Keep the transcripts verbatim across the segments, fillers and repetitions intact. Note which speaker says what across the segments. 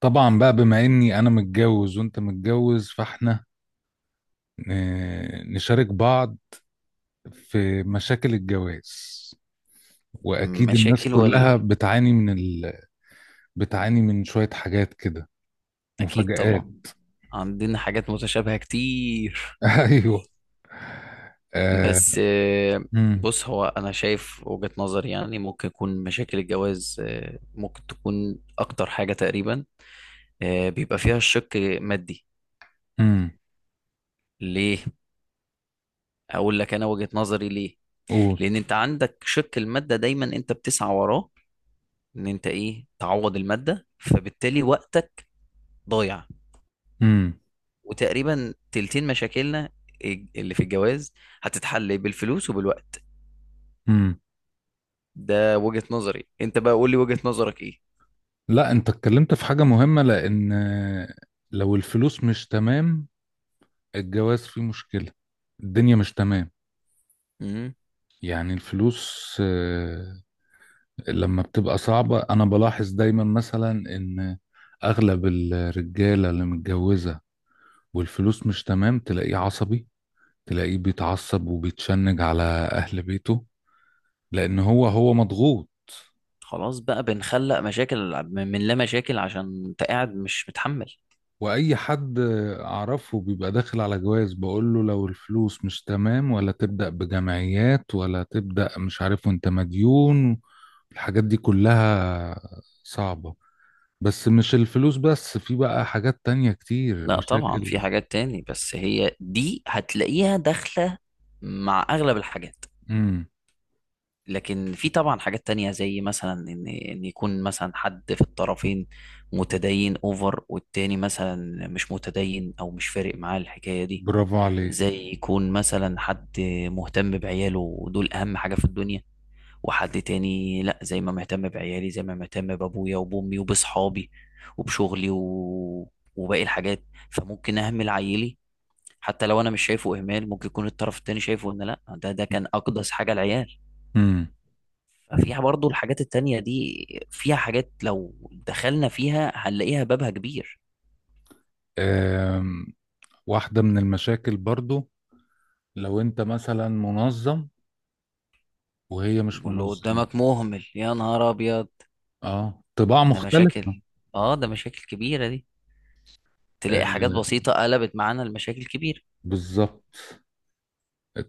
Speaker 1: طبعا بقى بما اني انا متجوز وانت متجوز فاحنا آه، نشارك بعض في مشاكل الجواز. واكيد الناس
Speaker 2: مشاكل ولا؟
Speaker 1: كلها بتعاني من ال... بتعاني من شوية حاجات كده،
Speaker 2: اكيد
Speaker 1: مفاجآت.
Speaker 2: طبعا. عندنا حاجات متشابهة كتير.
Speaker 1: ايوه. آه.
Speaker 2: بس آه،
Speaker 1: امم.
Speaker 2: بص، هو انا شايف وجهة نظري يعني ممكن يكون مشاكل الجواز، آه، ممكن تكون اكتر حاجة تقريبا. آه، بيبقى فيها الشق مادي.
Speaker 1: امم.
Speaker 2: ليه؟ اقول لك انا وجهة نظري ليه.
Speaker 1: قول.
Speaker 2: لان انت عندك شق المادة دايما انت بتسعى وراه ان انت ايه تعوض المادة، فبالتالي وقتك ضايع.
Speaker 1: امم.
Speaker 2: وتقريبا تلتين مشاكلنا اللي في الجواز هتتحل بالفلوس وبالوقت.
Speaker 1: امم.
Speaker 2: ده وجهة نظري، انت بقى قول لي وجهة نظرك ايه.
Speaker 1: لا، انت اتكلمت في حاجة مهمة، لان آه، لو الفلوس مش تمام الجواز فيه مشكلة، الدنيا مش تمام.
Speaker 2: امم.
Speaker 1: يعني الفلوس آه، لما بتبقى صعبة أنا بلاحظ دايما مثلا إن أغلب الرجالة اللي متجوزة والفلوس مش تمام تلاقيه عصبي، تلاقيه بيتعصب وبيتشنج على أهل بيته، لأن هو هو مضغوط.
Speaker 2: خلاص بقى بنخلق مشاكل من من لا مشاكل عشان انت قاعد مش متحمل.
Speaker 1: وأي حد أعرفه بيبقى داخل على جواز بقوله لو الفلوس مش تمام، ولا تبدأ بجمعيات، ولا تبدأ مش عارف وأنت مديون، الحاجات دي كلها صعبة. بس مش الفلوس بس، في بقى حاجات تانية كتير
Speaker 2: لا طبعا
Speaker 1: مشاكل.
Speaker 2: في حاجات تاني، بس هي دي هتلاقيها داخلة مع اغلب الحاجات.
Speaker 1: مم.
Speaker 2: لكن في طبعا حاجات تانية زي مثلا ان ان يكون مثلا حد في الطرفين متدين اوفر والتاني مثلا مش متدين او مش فارق معاه الحكاية دي.
Speaker 1: برافو عليك.
Speaker 2: زي يكون مثلا حد مهتم بعياله ودول اهم حاجة في الدنيا، وحد تاني لا، زي ما مهتم بعيالي زي ما مهتم بابويا وبامي وبصحابي وبشغلي و... وباقي الحاجات. فممكن اهمل عيلي حتى لو انا مش شايفه اهمال، ممكن يكون الطرف التاني شايفه ان لا، ده ده كان اقدس حاجه العيال.
Speaker 1: امم.
Speaker 2: ففيها برضو الحاجات التانية دي، فيها حاجات لو دخلنا فيها هنلاقيها بابها كبير.
Speaker 1: آم، واحدة من المشاكل برضو لو انت مثلا منظم وهي مش
Speaker 2: واللي
Speaker 1: منظمة.
Speaker 2: قدامك مهمل يا نهار ابيض.
Speaker 1: اه، طباع
Speaker 2: ده مشاكل.
Speaker 1: مختلفة.
Speaker 2: اه ده مشاكل كبيره دي.
Speaker 1: آه،
Speaker 2: تلاقي حاجات بسيطه قلبت معانا لمشاكل كبيره.
Speaker 1: بالظبط.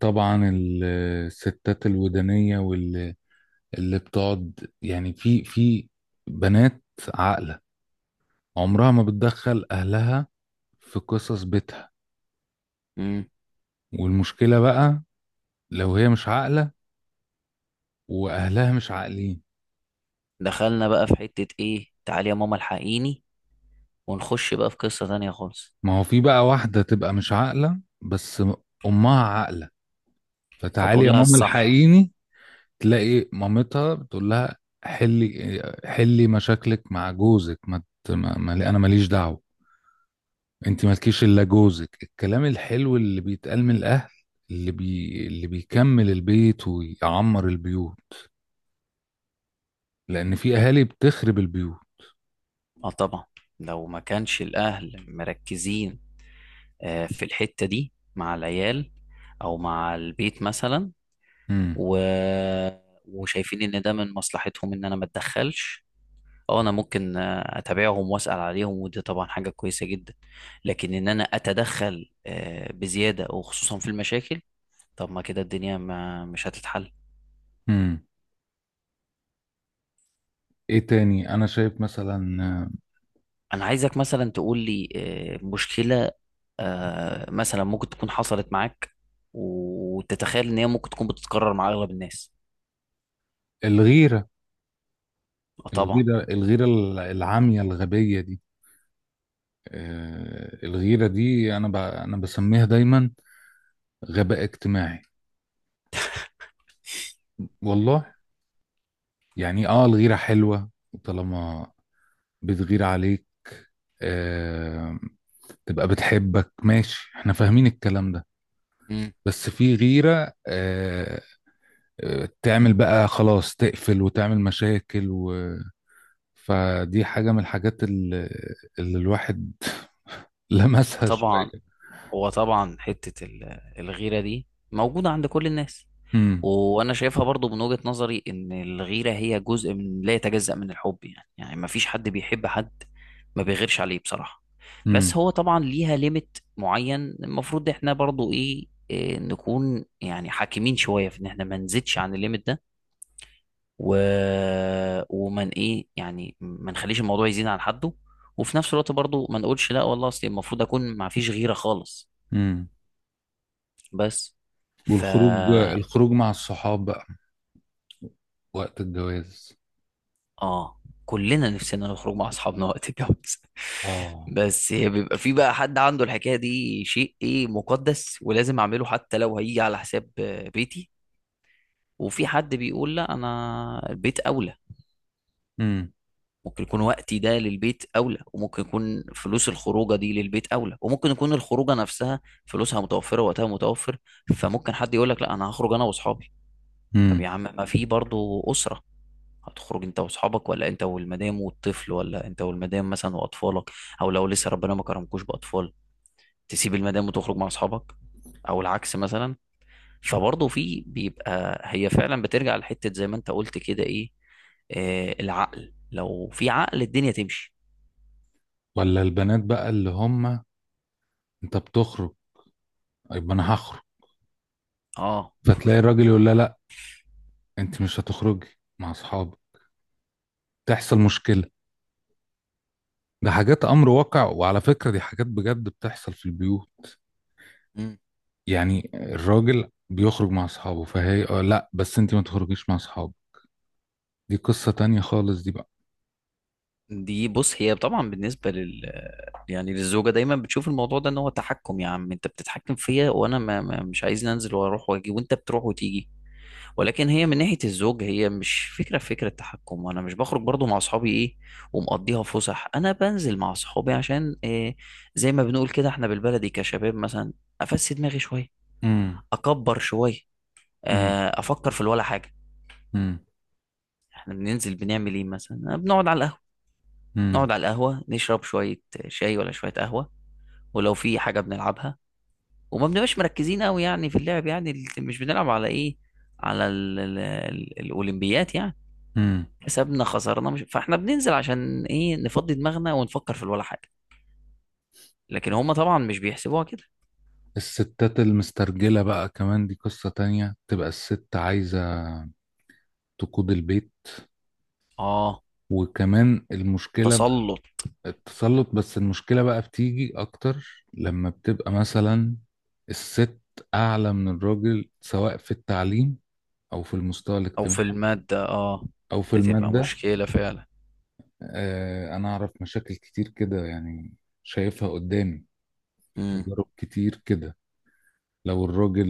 Speaker 1: طبعا ال- الستات الودانية، واللي اللي بتقعد يعني في في بنات عاقلة عمرها ما بتدخل أهلها في قصص بيتها. والمشكلة بقى لو هي مش عاقلة وأهلها مش عاقلين.
Speaker 2: دخلنا بقى في حتة ايه تعالي يا ماما الحقيني ونخش بقى في قصة تانية خالص.
Speaker 1: ما هو في بقى واحدة تبقى مش عاقلة بس أمها عاقلة، فتعالي
Speaker 2: فتقول
Speaker 1: يا
Speaker 2: لها
Speaker 1: ماما
Speaker 2: الصح.
Speaker 1: الحقيني. تلاقي مامتها بتقول لها حلي حلي مشاكلك مع جوزك، ما, ت- ما ما- أنا ماليش دعوة، أنت مالكيش إلا جوزك. الكلام الحلو اللي بيتقال من الأهل، اللي بي اللي بيكمل البيت ويعمر البيوت، لأن في أهالي بتخرب البيوت.
Speaker 2: اه طبعا، لو ما كانش الاهل مركزين آه، في الحتة دي مع العيال او مع البيت مثلا
Speaker 1: امم.
Speaker 2: و... وشايفين ان ده من مصلحتهم ان انا ما اتدخلش. اه انا ممكن آه، اتابعهم واسال عليهم ودي طبعا حاجة كويسة جدا. لكن ان انا اتدخل آه، بزيادة وخصوصا في المشاكل، طب ما كده الدنيا ما مش هتتحل.
Speaker 1: امم. إيه تاني أنا شايف مثلا؟
Speaker 2: انا عايزك مثلا تقول لي آه، مشكلة آه، مثلا ممكن تكون حصلت معاك وتتخيل ان هي ممكن تكون بتتكرر مع اغلب الناس.
Speaker 1: الغيرة.
Speaker 2: وطبعا.
Speaker 1: الغيرة، الغيرة، العامية الغبية دي. آه، الغيرة دي أنا ب... أنا بسميها دايما غباء اجتماعي، والله. يعني آه الغيرة حلوة طالما بتغير عليك، آه... تبقى بتحبك، ماشي، احنا فاهمين الكلام ده.
Speaker 2: مم.
Speaker 1: بس في غيرة آه... آه، تعمل بقى خلاص تقفل وتعمل مشاكل و... فدي حاجة من الحاجات اللي, اللي الواحد لمسها
Speaker 2: وطبعا،
Speaker 1: شوية.
Speaker 2: هو طبعا حتة ال- الغيرة دي موجودة عند كل الناس.
Speaker 1: امم.
Speaker 2: وانا شايفها برضو من وجهة نظري ان الغيرة هي جزء من لا يتجزأ من الحب، يعني يعني ما فيش حد بيحب حد ما بيغيرش عليه بصراحة.
Speaker 1: امم.
Speaker 2: بس هو طبعا ليها ليميت معين، المفروض احنا برضو ايه إيه، نكون يعني حاكمين شوية في ان احنا ما نزيدش عن الليميت ده و... ومن ايه يعني ما نخليش الموضوع يزيد عن حده، وفي نفس الوقت برضو ما نقولش لا والله اصل المفروض اكون ما فيش غيرة خالص.
Speaker 1: امم.
Speaker 2: بس ف
Speaker 1: والخروج الخروج مع الصحاب بقى وقت الجواز.
Speaker 2: اه، كلنا نفسنا نخرج مع اصحابنا وقت الجواز.
Speaker 1: اه.
Speaker 2: بس بيبقى في بقى حد عنده الحكايه دي شيء ايه مقدس ولازم اعمله حتى لو هيجي على حساب آه، بيتي. وفي حد بيقول لا انا البيت اولى.
Speaker 1: امم.
Speaker 2: ممكن يكون وقتي ده للبيت اولى، وممكن يكون فلوس الخروجه دي للبيت اولى، وممكن يكون الخروجه نفسها فلوسها متوفره وقتها متوفر. فممكن حد يقول لك لا انا هخرج انا واصحابي. طب
Speaker 1: امم.
Speaker 2: يا عم ما في برضه اسره، هتخرج انت واصحابك ولا انت والمدام والطفل ولا انت والمدام مثلا واطفالك، او لو لسه ربنا ما كرمكوش باطفال تسيب المدام وتخرج مع اصحابك، او العكس مثلا. فبرضه في بيبقى هي فعلا بترجع لحتة زي ما انت قلت كده ايه، آه العقل لو في عقل الدنيا تمشي.
Speaker 1: ولا البنات بقى اللي هم؟ انت بتخرج، طيب انا هخرج،
Speaker 2: اه.
Speaker 1: فتلاقي الراجل يقول لها لا، انت مش هتخرجي مع اصحابك، تحصل مشكلة. ده حاجات امر واقع، وعلى فكرة دي حاجات بجد بتحصل في البيوت.
Speaker 2: مم.
Speaker 1: يعني الراجل بيخرج مع اصحابه فهي اه لا بس انت ما تخرجيش مع اصحابك، دي قصة تانية خالص دي بقى.
Speaker 2: دي بص هي طبعا بالنسبة لل يعني للزوجة دايما بتشوف الموضوع ده ان هو تحكم، يا عم انت بتتحكم فيا وانا ما ما- مش عايز انزل واروح واجي وانت بتروح وتيجي. ولكن هي من ناحية الزوج هي مش فكرة، في فكرة تحكم، وانا مش بخرج برضو مع اصحابي ايه ومقضيها فسح. انا بنزل مع اصحابي عشان إيه، زي ما بنقول كده احنا بالبلدي كشباب مثلا افسي دماغي شوية،
Speaker 1: امم.
Speaker 2: اكبر شوية،
Speaker 1: امم.
Speaker 2: آه، افكر في الولا حاجة.
Speaker 1: امم.
Speaker 2: احنا بننزل بنعمل ايه مثلا؟ آه، بنقعد على القهوة،
Speaker 1: امم.
Speaker 2: نقعد على القهوة نشرب شوية شاي ولا شوية قهوة ولو في حاجة بنلعبها. وما بنبقاش مركزين قوي يعني في اللعب، يعني مش بنلعب على ايه، على ال- ال- ال- الاولمبيات يعني.
Speaker 1: امم.
Speaker 2: كسبنا خسرنا مش فاحنا بننزل عشان ايه، نفضي دماغنا ونفكر في ولا حاجه. لكن هم طبعا مش بيحسبوها كده.
Speaker 1: الستات المسترجلة بقى كمان، دي قصة تانية، تبقى الست عايزة تقود البيت،
Speaker 2: اه.
Speaker 1: وكمان المشكلة،
Speaker 2: تسلط.
Speaker 1: التسلط. بس المشكلة بقى بتيجي أكتر لما بتبقى مثلا الست أعلى من الراجل سواء في التعليم أو في المستوى
Speaker 2: او
Speaker 1: الاجتماعي
Speaker 2: في الماده، اه.
Speaker 1: أو في
Speaker 2: بتبقى
Speaker 1: المادة.
Speaker 2: مشكله فعلا.
Speaker 1: آه، أنا أعرف مشاكل كتير كده يعني، شايفها قدامي،
Speaker 2: امم.
Speaker 1: تجارب كتير كده. لو الراجل،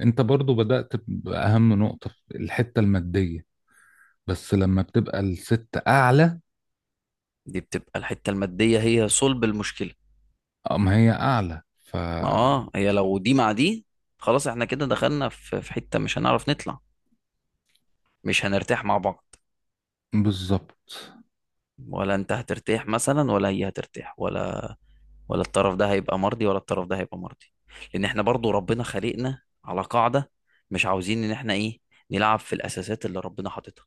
Speaker 1: أنت برضو بدأت بأهم نقطة، الحتة المادية، بس لما بتبقى الست أعلى،
Speaker 2: دي بتبقى الحته الماديه هي صلب المشكله.
Speaker 1: أم هي أعلى ف...
Speaker 2: ما اه هي لو دي مع دي خلاص احنا كده دخلنا في في حته مش هنعرف نطلع، مش هنرتاح مع بعض.
Speaker 1: بالظبط.
Speaker 2: ولا انت هترتاح مثلا، ولا هي هترتاح، ولا ولا الطرف ده هيبقى مرضي ولا الطرف ده هيبقى مرضي. لان احنا برضو ربنا خلقنا على قاعدة، مش عاوزين ان احنا ايه نلعب في الاساسات اللي ربنا حاططها.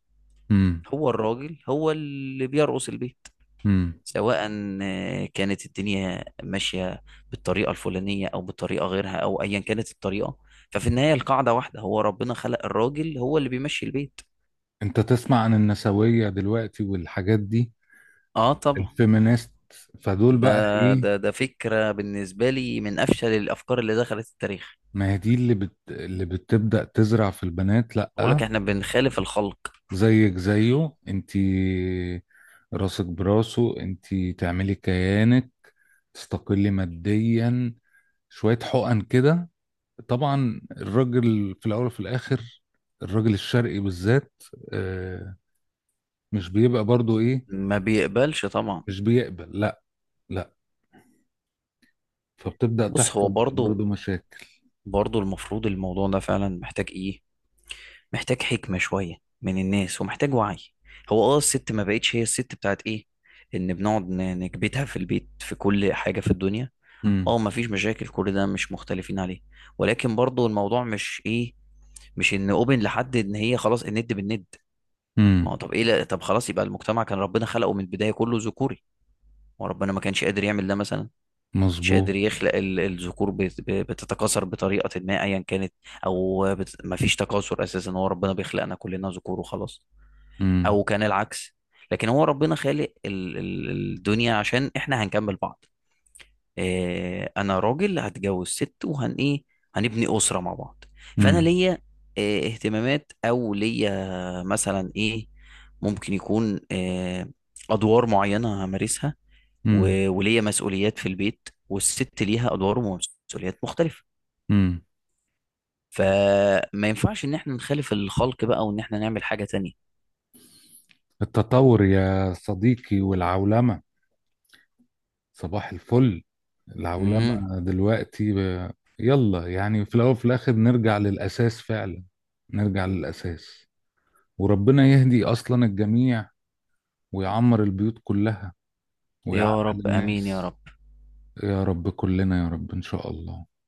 Speaker 2: هو الراجل هو اللي بيرقص البيت،
Speaker 1: مم.
Speaker 2: سواء آه، كانت الدنيا ماشية بالطريقة الفلانية او بالطريقة غيرها او ايا كانت الطريقة، ففي النهاية القاعدة واحدة، هو ربنا خلق الراجل هو اللي بيمشي البيت.
Speaker 1: انت تسمع عن النسوية دلوقتي والحاجات دي،
Speaker 2: اه طبعا.
Speaker 1: الفيمينيست، فدول
Speaker 2: ده
Speaker 1: بقى ايه؟
Speaker 2: ده ده فكرة بالنسبة لي من افشل الافكار اللي دخلت التاريخ.
Speaker 1: ما هي دي اللي بت... اللي بتبدأ تزرع في البنات
Speaker 2: بقول
Speaker 1: لأ،
Speaker 2: لك احنا بنخالف الخلق.
Speaker 1: زيك زيه انتي، راسك براسه، انتي تعملي كيانك، تستقلي ماديا، شوية حقن كده. طبعا الراجل في الأول وفي الآخر، الراجل الشرقي بالذات، آه، مش بيبقى برضو ايه،
Speaker 2: ما بيقبلش طبعا.
Speaker 1: مش بيقبل، لا، لا. فبتبدأ
Speaker 2: بص هو
Speaker 1: تحصل
Speaker 2: برضو،
Speaker 1: برضو مشاكل.
Speaker 2: برضو المفروض الموضوع ده فعلا محتاج ايه، محتاج حكمة شوية من الناس ومحتاج وعي. هو اه الست ما بقتش هي الست بتاعت ايه، ان بنقعد ن- نكبتها في البيت في كل حاجة في الدنيا.
Speaker 1: امم.
Speaker 2: اه ما فيش مشاكل كل ده مش مختلفين عليه، ولكن برضو الموضوع مش ايه، مش ان اوبن لحد ان هي خلاص الند بالند. ما
Speaker 1: امم.
Speaker 2: هو طب ايه، لا طب خلاص يبقى المجتمع كان ربنا خلقه من البداية كله ذكوري، وربنا ما كانش قادر يعمل ده مثلا؟ كانش قادر
Speaker 1: مظبوط.
Speaker 2: يخلق ال- الذكور بت- بتتكاثر بطريقة ما أيا كانت، أو بت... مفيش تكاثر أساسا، هو ربنا بيخلقنا كلنا ذكور وخلاص،
Speaker 1: امم.
Speaker 2: أو كان العكس. لكن هو ربنا خالق ال... ال- الدنيا عشان إحنا هنكمل بعض. إيه، أنا راجل هتجوز ست وهن إيه هنبني أسرة مع بعض. فأنا
Speaker 1: امم.
Speaker 2: ليا إيه اهتمامات أو ليا مثلا إيه، ممكن يكون إيه أدوار معينة همارسها،
Speaker 1: امم.
Speaker 2: و- وليا مسؤوليات في البيت والست ليها ادوار ومسؤوليات مختلفه.
Speaker 1: امم.
Speaker 2: فما ينفعش ان احنا نخالف الخلق بقى وان احنا نعمل حاجه تانية.
Speaker 1: التطور يا صديقي، والعولمة، صباح الفل.
Speaker 2: امم.
Speaker 1: العولمة دلوقتي ب... يلا يعني في الأول وفي الآخر، نرجع للأساس فعلا، نرجع للأساس، وربنا يهدي أصلا الجميع ويعمر البيوت كلها
Speaker 2: يا
Speaker 1: ويعقل
Speaker 2: رب امين يا
Speaker 1: الناس.
Speaker 2: رب.
Speaker 1: يا رب كلنا يا رب إن شاء الله.